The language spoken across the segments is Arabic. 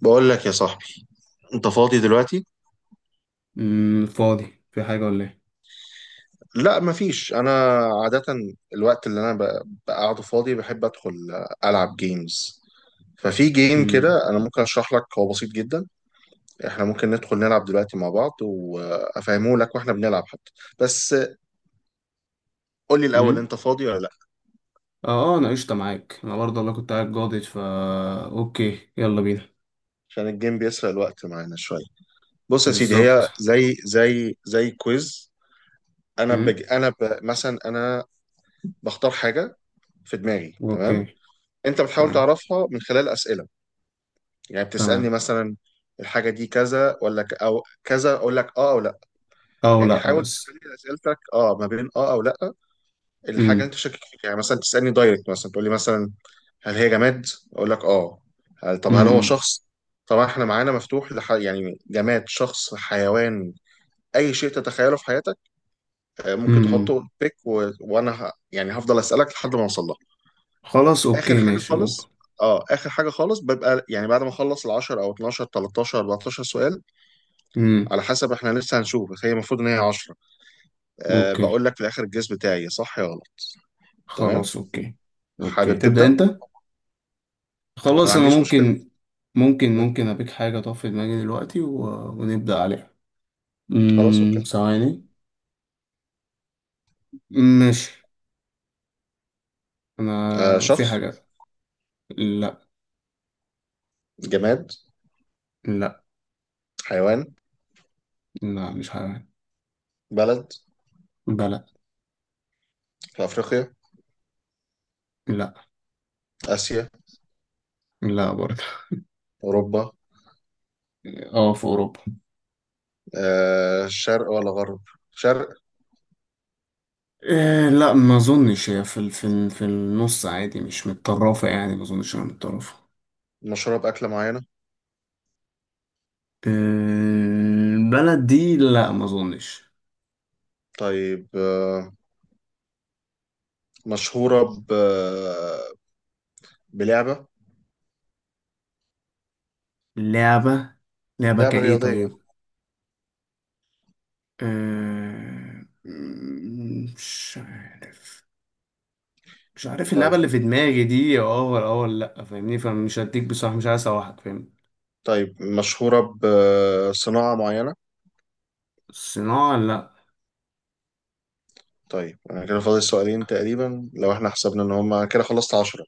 بقول لك يا صاحبي، انت فاضي دلوقتي؟ فاضي في حاجة ولا ايه؟ لا، مفيش. انا عادة الوقت اللي انا بقعده فاضي بحب ادخل العب جيمز. ففي جيم امم كده انا ممكن اشرح لك، هو بسيط جدا. احنا ممكن ندخل نلعب دلوقتي مع بعض وافهمه لك واحنا بنلعب حتى، بس قول لي الاول امم انت فاضي ولا لا. اه، اه، انا قشطة معاك. انا برضه والله كنت قاعد جاضد اوكي، يلا بينا. عشان الجيم بيسرق الوقت معانا شوية. بص يا سيدي، هي بالظبط. زي كويز. انا امم بج... انا ب... مثلا انا بختار حاجة في دماغي، تمام؟ اوكي. انت بتحاول تمام، تعرفها من خلال أسئلة. يعني تمام. بتسألني مثلا الحاجة دي كذا ولا أو كذا، أقول لك آه أو لأ. او يعني لا، حاول بس. تخلي أسئلتك آه ما بين آه أو لأ، الحاجة اللي امم أنت شاكك فيها. يعني مثلا تسألني دايركت، مثلا تقول لي مثلا هل هي جماد؟ أقول لك آه. طب هل هو امم شخص؟ طبعا احنا معانا مفتوح يعني جماد، شخص، حيوان، أي شيء تتخيله في حياتك، آه، ممكن امم تحطه بيك وأنا يعني هفضل أسألك لحد ما أوصل لها. خلاص، آخر اوكي، حاجة ماشي، ممكن. خالص، اه، اخر حاجه خالص ببقى يعني بعد ما اخلص ال 10 او 12 13 14 سؤال، امم على حسب، احنا لسه هنشوف، بس هي المفروض ان هي 10. أه، اوكي. بقول لك في الاخر الجيس بتاعي صح يا غلط. تمام. خلاص، اوكي. اوكي، حابب تبدا؟ تبدأ انا انت. ما خلاص، انا عنديش مشكله. ممكن مم. ابيك حاجة طف في دماغي دلوقتي، و... ونبدأ عليها. خلاص اوكي. ثواني. ماشي. أه انا في شخص. حاجة. لا. جماد. لا. حيوان. لا، مش حيوان. بلد. بلد. في افريقيا. لا. اسيا. لا برضه. اوروبا. اه، في اوروبا. أه، شرق ولا غرب؟ شرق. إيه، لا، ما اظنش هي في النص عادي، مش متطرفه يعني، ما اظنش انها متطرفه. مشهوره باكله معينه؟ إيه، البلد دي لا، ما اظنش. طيب، أه، مشهوره بلعبه. لعبه. لعبه لعبه كايه، رياضيه؟ طيب. إيه، مش عارف. مش عارف اللعبه اللي طيب. في دماغي دي اه ولا اه ولا لا، فاهمني؟ فمش هديك بصراحه، مش عايز اسوحك، فاهمني؟ طيب، مشهوره بصناعه معينه؟ الصناعه لا. طيب، انا كده فاضل سؤالين تقريبا لو احنا حسبنا ان هم كده خلصت 10.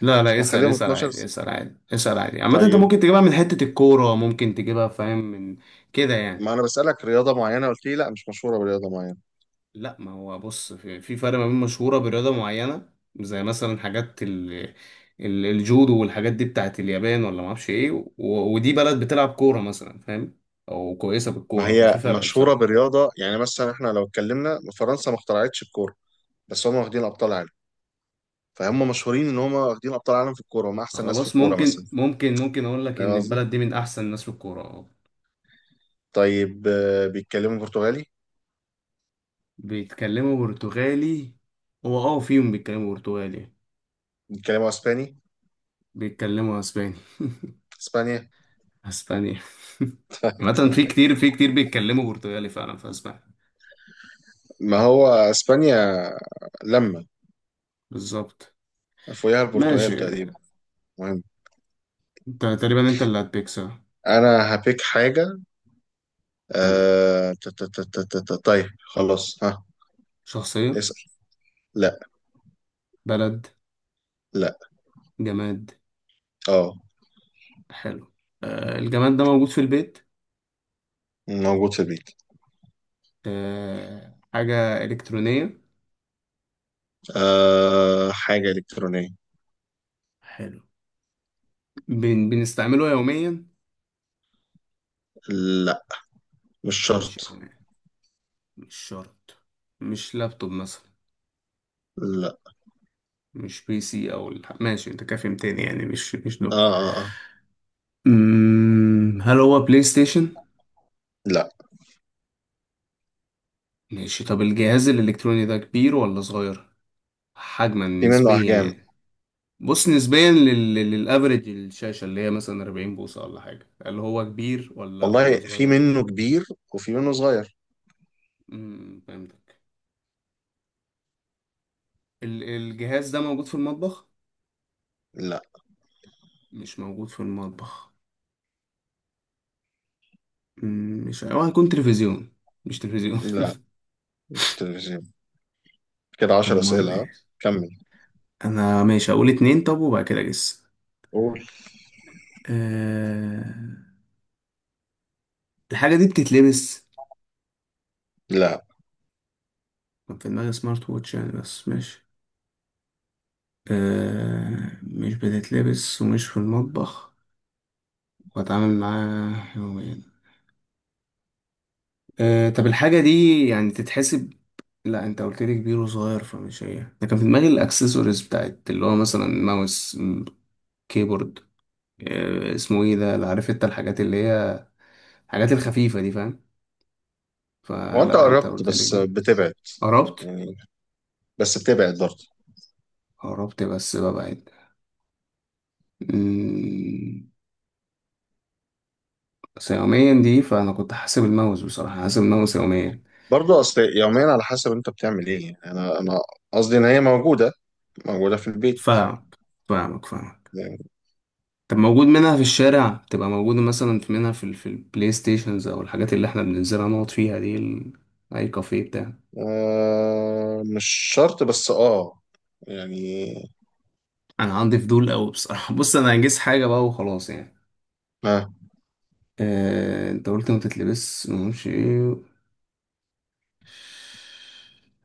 لا، لا، اسأل، هخليهم اسأل 12. عادي، اسأل عادي، اسأل عادي. عامة انت طيب، ممكن تجيبها من حتة الكورة، ممكن تجيبها، فاهم، من كده ما يعني. انا بسألك رياضة معينة، قلت لي لا مش مشهورة برياضة معينة. لا، ما هو بص، في فرق ما بين مشهورة برياضة معينة. زي مثلا حاجات الجودو والحاجات دي بتاعت اليابان ولا ما اعرفش ايه، ودي بلد بتلعب كورة مثلا، فاهم، او كويسة ما بالكورة، ففي هي فرق مشهورة بصراحة. برياضة. يعني مثلا احنا لو اتكلمنا فرنسا ما اخترعتش الكورة، بس هم واخدين ابطال عالم. فهم مشهورين ان هم واخدين ابطال عالم في الكورة، هم احسن ناس في خلاص، الكورة مثلا. ممكن اقول لك ان فاهم قصدي؟ البلد دي من احسن الناس في الكورة، اه. طيب، آه، بيتكلموا برتغالي؟ بيتكلموا برتغالي. هو فيهم بيتكلموا برتغالي. بيتكلموا اسباني؟ بيتكلموا اسباني. اسبانيا. اسبانيا. طيب. عامة في تمام. كتير، في كتير بيتكلموا برتغالي فعلا في اسبانيا. ما هو اسبانيا لما بالظبط. فوقها البرتغال ماشي. تقريبا. مهم. انت تقريبا، انت اللي هتبيك، صح. انا هبيك حاجة. تمام. آه... طيب، خلاص، ها. شخصية. اسأل. لا. بلد. لا. جماد. اه. حلو. آه، الجماد ده موجود في البيت. موجود في البيت. آه، حاجة إلكترونية. آه... حاجة إلكترونية. حلو. بنستعمله يوميا. لا، مش مش شرط. يوميا. مش شرط. مش لابتوب مثلا. لا. مش بي سي او ماشي، انت كافي تاني يعني، مش اه دول. اه اه. هل هو بلاي ستيشن؟ لا. ماشي، طب الجهاز الإلكتروني ده كبير ولا صغير؟ حجما في منه نسبيا أحجام. يعني. بص نسبيا للأفريج الشاشة اللي هي مثلا 40 بوصة ولا حاجة، اللي هو كبير ولا والله في صغير؟ منه كبير وفي منه صغير. فهمتك. الجهاز ده موجود في المطبخ؟ لا. مش موجود في المطبخ. مش هو هيكون تلفزيون. مش تلفزيون. لا، مش تلفزيون. كده عشر أمال أسئلة، ها؟ إيه؟ كمل. أنا ماشي أقول اتنين، طب وبعد كده أجس. قول. أه... الحاجة دي بتتلبس؟ لا، كان في دماغي سمارت ووتش يعني، بس ماشي. مش بتتلبس ومش في المطبخ واتعامل معاه يوميا. طب الحاجة دي يعني تتحسب. لا، انت قلت لي كبير وصغير، فمش هي ده، كان في دماغي الاكسسوارز بتاعت اللي هو مثلا ماوس، كيبورد. اسمه ايه ده اللي عارف انت، الحاجات اللي هي الحاجات الخفيفة دي، فاهم. هو انت فلا، انت قربت قلت لي بس كبير. بتبعد قربت. يعني، بس بتبعد برضه. قربت بس ببعد. مم، بس يوميا دي، فانا كنت حاسب الماوس بصراحة، حاسب الماوس يوميا. برضه اصل يوميا على حسب انت بتعمل ايه. يعني انا قصدي ان هي موجوده في البيت فاهمك، فاهمك، فاهمك. يعني. طب موجود منها في الشارع، تبقى موجودة مثلا منها في البلاي ستيشنز او الحاجات اللي احنا بننزلها نقعد فيها دي اي كافيه بتاع. آه مش شرط بس اه، يعني انا عندي فضول قوي بصراحة. بص، انا هنجز حاجة بقى وخلاص يعني. آه، انت قلت ما تتلبس، ما اعرفش ايه،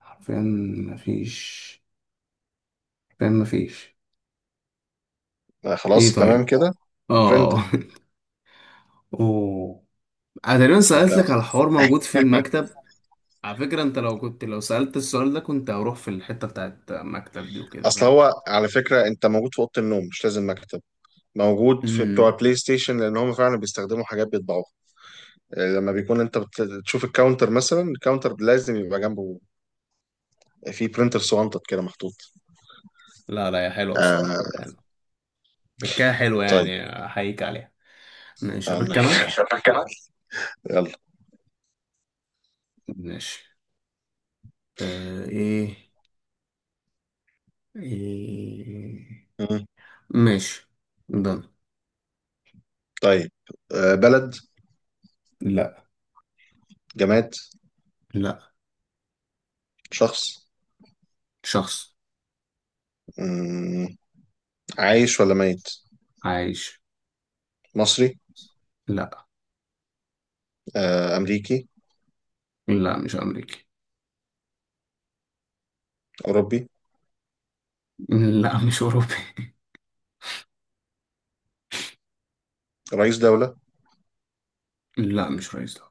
حرفيا مفيش. حرفيا مفيش. آه، ايه، خلاص تمام طيب. كده. اه. برينتر. اوه. انا تقريبا انت. سألت لك على الحوار موجود في المكتب. على فكرة انت لو كنت لو سألت السؤال ده كنت هروح في الحتة بتاعت مكتب دي وكده، اصل فاهم. هو على فكره انت موجود في اوضه النوم، مش لازم مكتب. موجود في بتوع امم البلاي ستيشن لان هم فعلا بيستخدموا حاجات بيطبعوها. آه، لما بيكون انت بتشوف الكاونتر مثلا، الكاونتر لازم يبقى جنبه في برينتر صغنطط كده محطوط. لا، لا، يا حلوة، آه. بصراحة حلوة. بكاها حلوة طيب. يعني، احييك عليها. ماشي، آه، الله ابيك انا. يخليك. ماشي. ايه. ايه. يلا. ماشي. ده. طيب، آه، بلد. لا. جماد. لا. شخص. شخص. مم، عايش ولا ميت؟ عايش. مصري. لا. آه، أمريكي. لا، مش امريكي. أوروبي. لا، مش اوروبي. رئيس دولة. لا، مش رئيس دولة.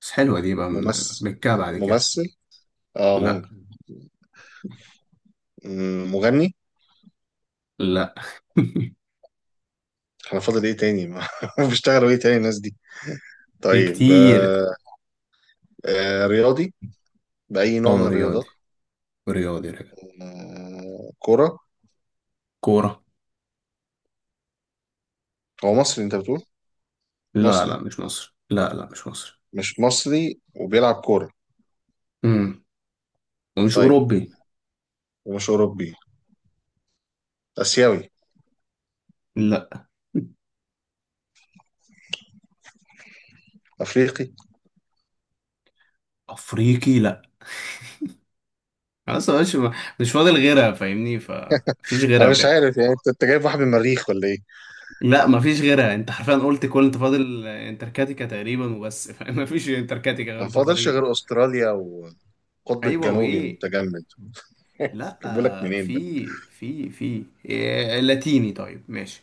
بس حلوة دي بقى، من ممثل. بكاها بعد كده. ممثل. اه لا. ممكن. مغني. لا. احنا فاضل ايه تاني؟ ما بيشتغلوا ايه تاني الناس دي؟ في طيب، كتير. آه، آه، رياضي؟ بأي نوع اه، من الرياضات؟ رياضي. رياضي، رياضي. آه، كرة. كورة. هو مصري انت بتقول؟ لا، لا، مصري؟ مش مصر، لا، لا، مش مصر. مش مصري وبيلعب كورة. امم ومش طيب. أوروبي. ومش أوروبي. آسيوي. لا. أفريقي. أفريقي لا. خلاص يا باشا، مش فاضل غيرها فاهمني، فمفيش غيرها انا مش بجد. عارف يعني أنت جايب واحد من المريخ ولا ايه؟ لا، مفيش غيرها، انت حرفيا قلت كل، انت فاضل انتركاتيكا تقريبا وبس، فاهم؟ مفيش انتركاتيكا غير ما فاضلش بطريق. غير استراليا والقطب ايوه، الجنوبي وايه؟ المتجمد. بقولك لا، منين ده؟ في إيه، لاتيني، طيب ماشي.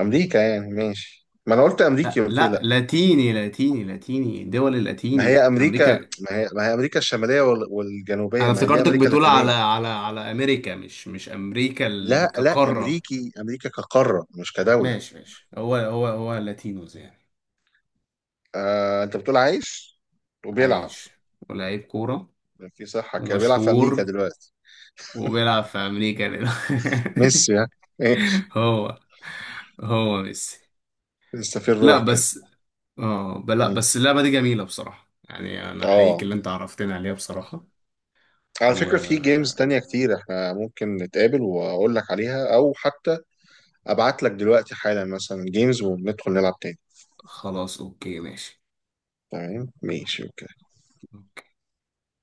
امريكا يعني؟ ماشي. ما انا قلت امريكي لا، قلت لي لا، لا. لاتيني، لاتيني، لاتيني، دول ما هي اللاتين امريكا. امريكا. ما هي امريكا الشماليه وال- انا والجنوبيه. ما هي دي افتكرتك امريكا بتقول اللاتينيه. على امريكا، مش امريكا لا، لا، كقارة. امريكي، امريكا كقاره مش كدوله. ماشي، ماشي، هو، هو، هو لاتينوز يعني. آه، انت بتقول عايش وبيلعب. عايش. ولاعيب كورة. في صحه كده، بيلعب في امريكا ومشهور. دلوقتي. وبيلعب في امريكا دلوقتي. ميسي؟ ها. ماشي. هو. هو ميسي. لسه في لا، الروح كده. بس، لا، مم. بس اللعبة دي جميلة بصراحة يعني، انا حقيقي اه. اللي انت عرفتني عليها بصراحة. على فكرة، في وخلاص. جيمز تانية كتير احنا ممكن نتقابل واقول لك عليها، او حتى ابعت لك دلوقتي حالا مثلا جيمز وندخل نلعب تاني. اوكي، ماشي. تمام. ماشي. اوكي.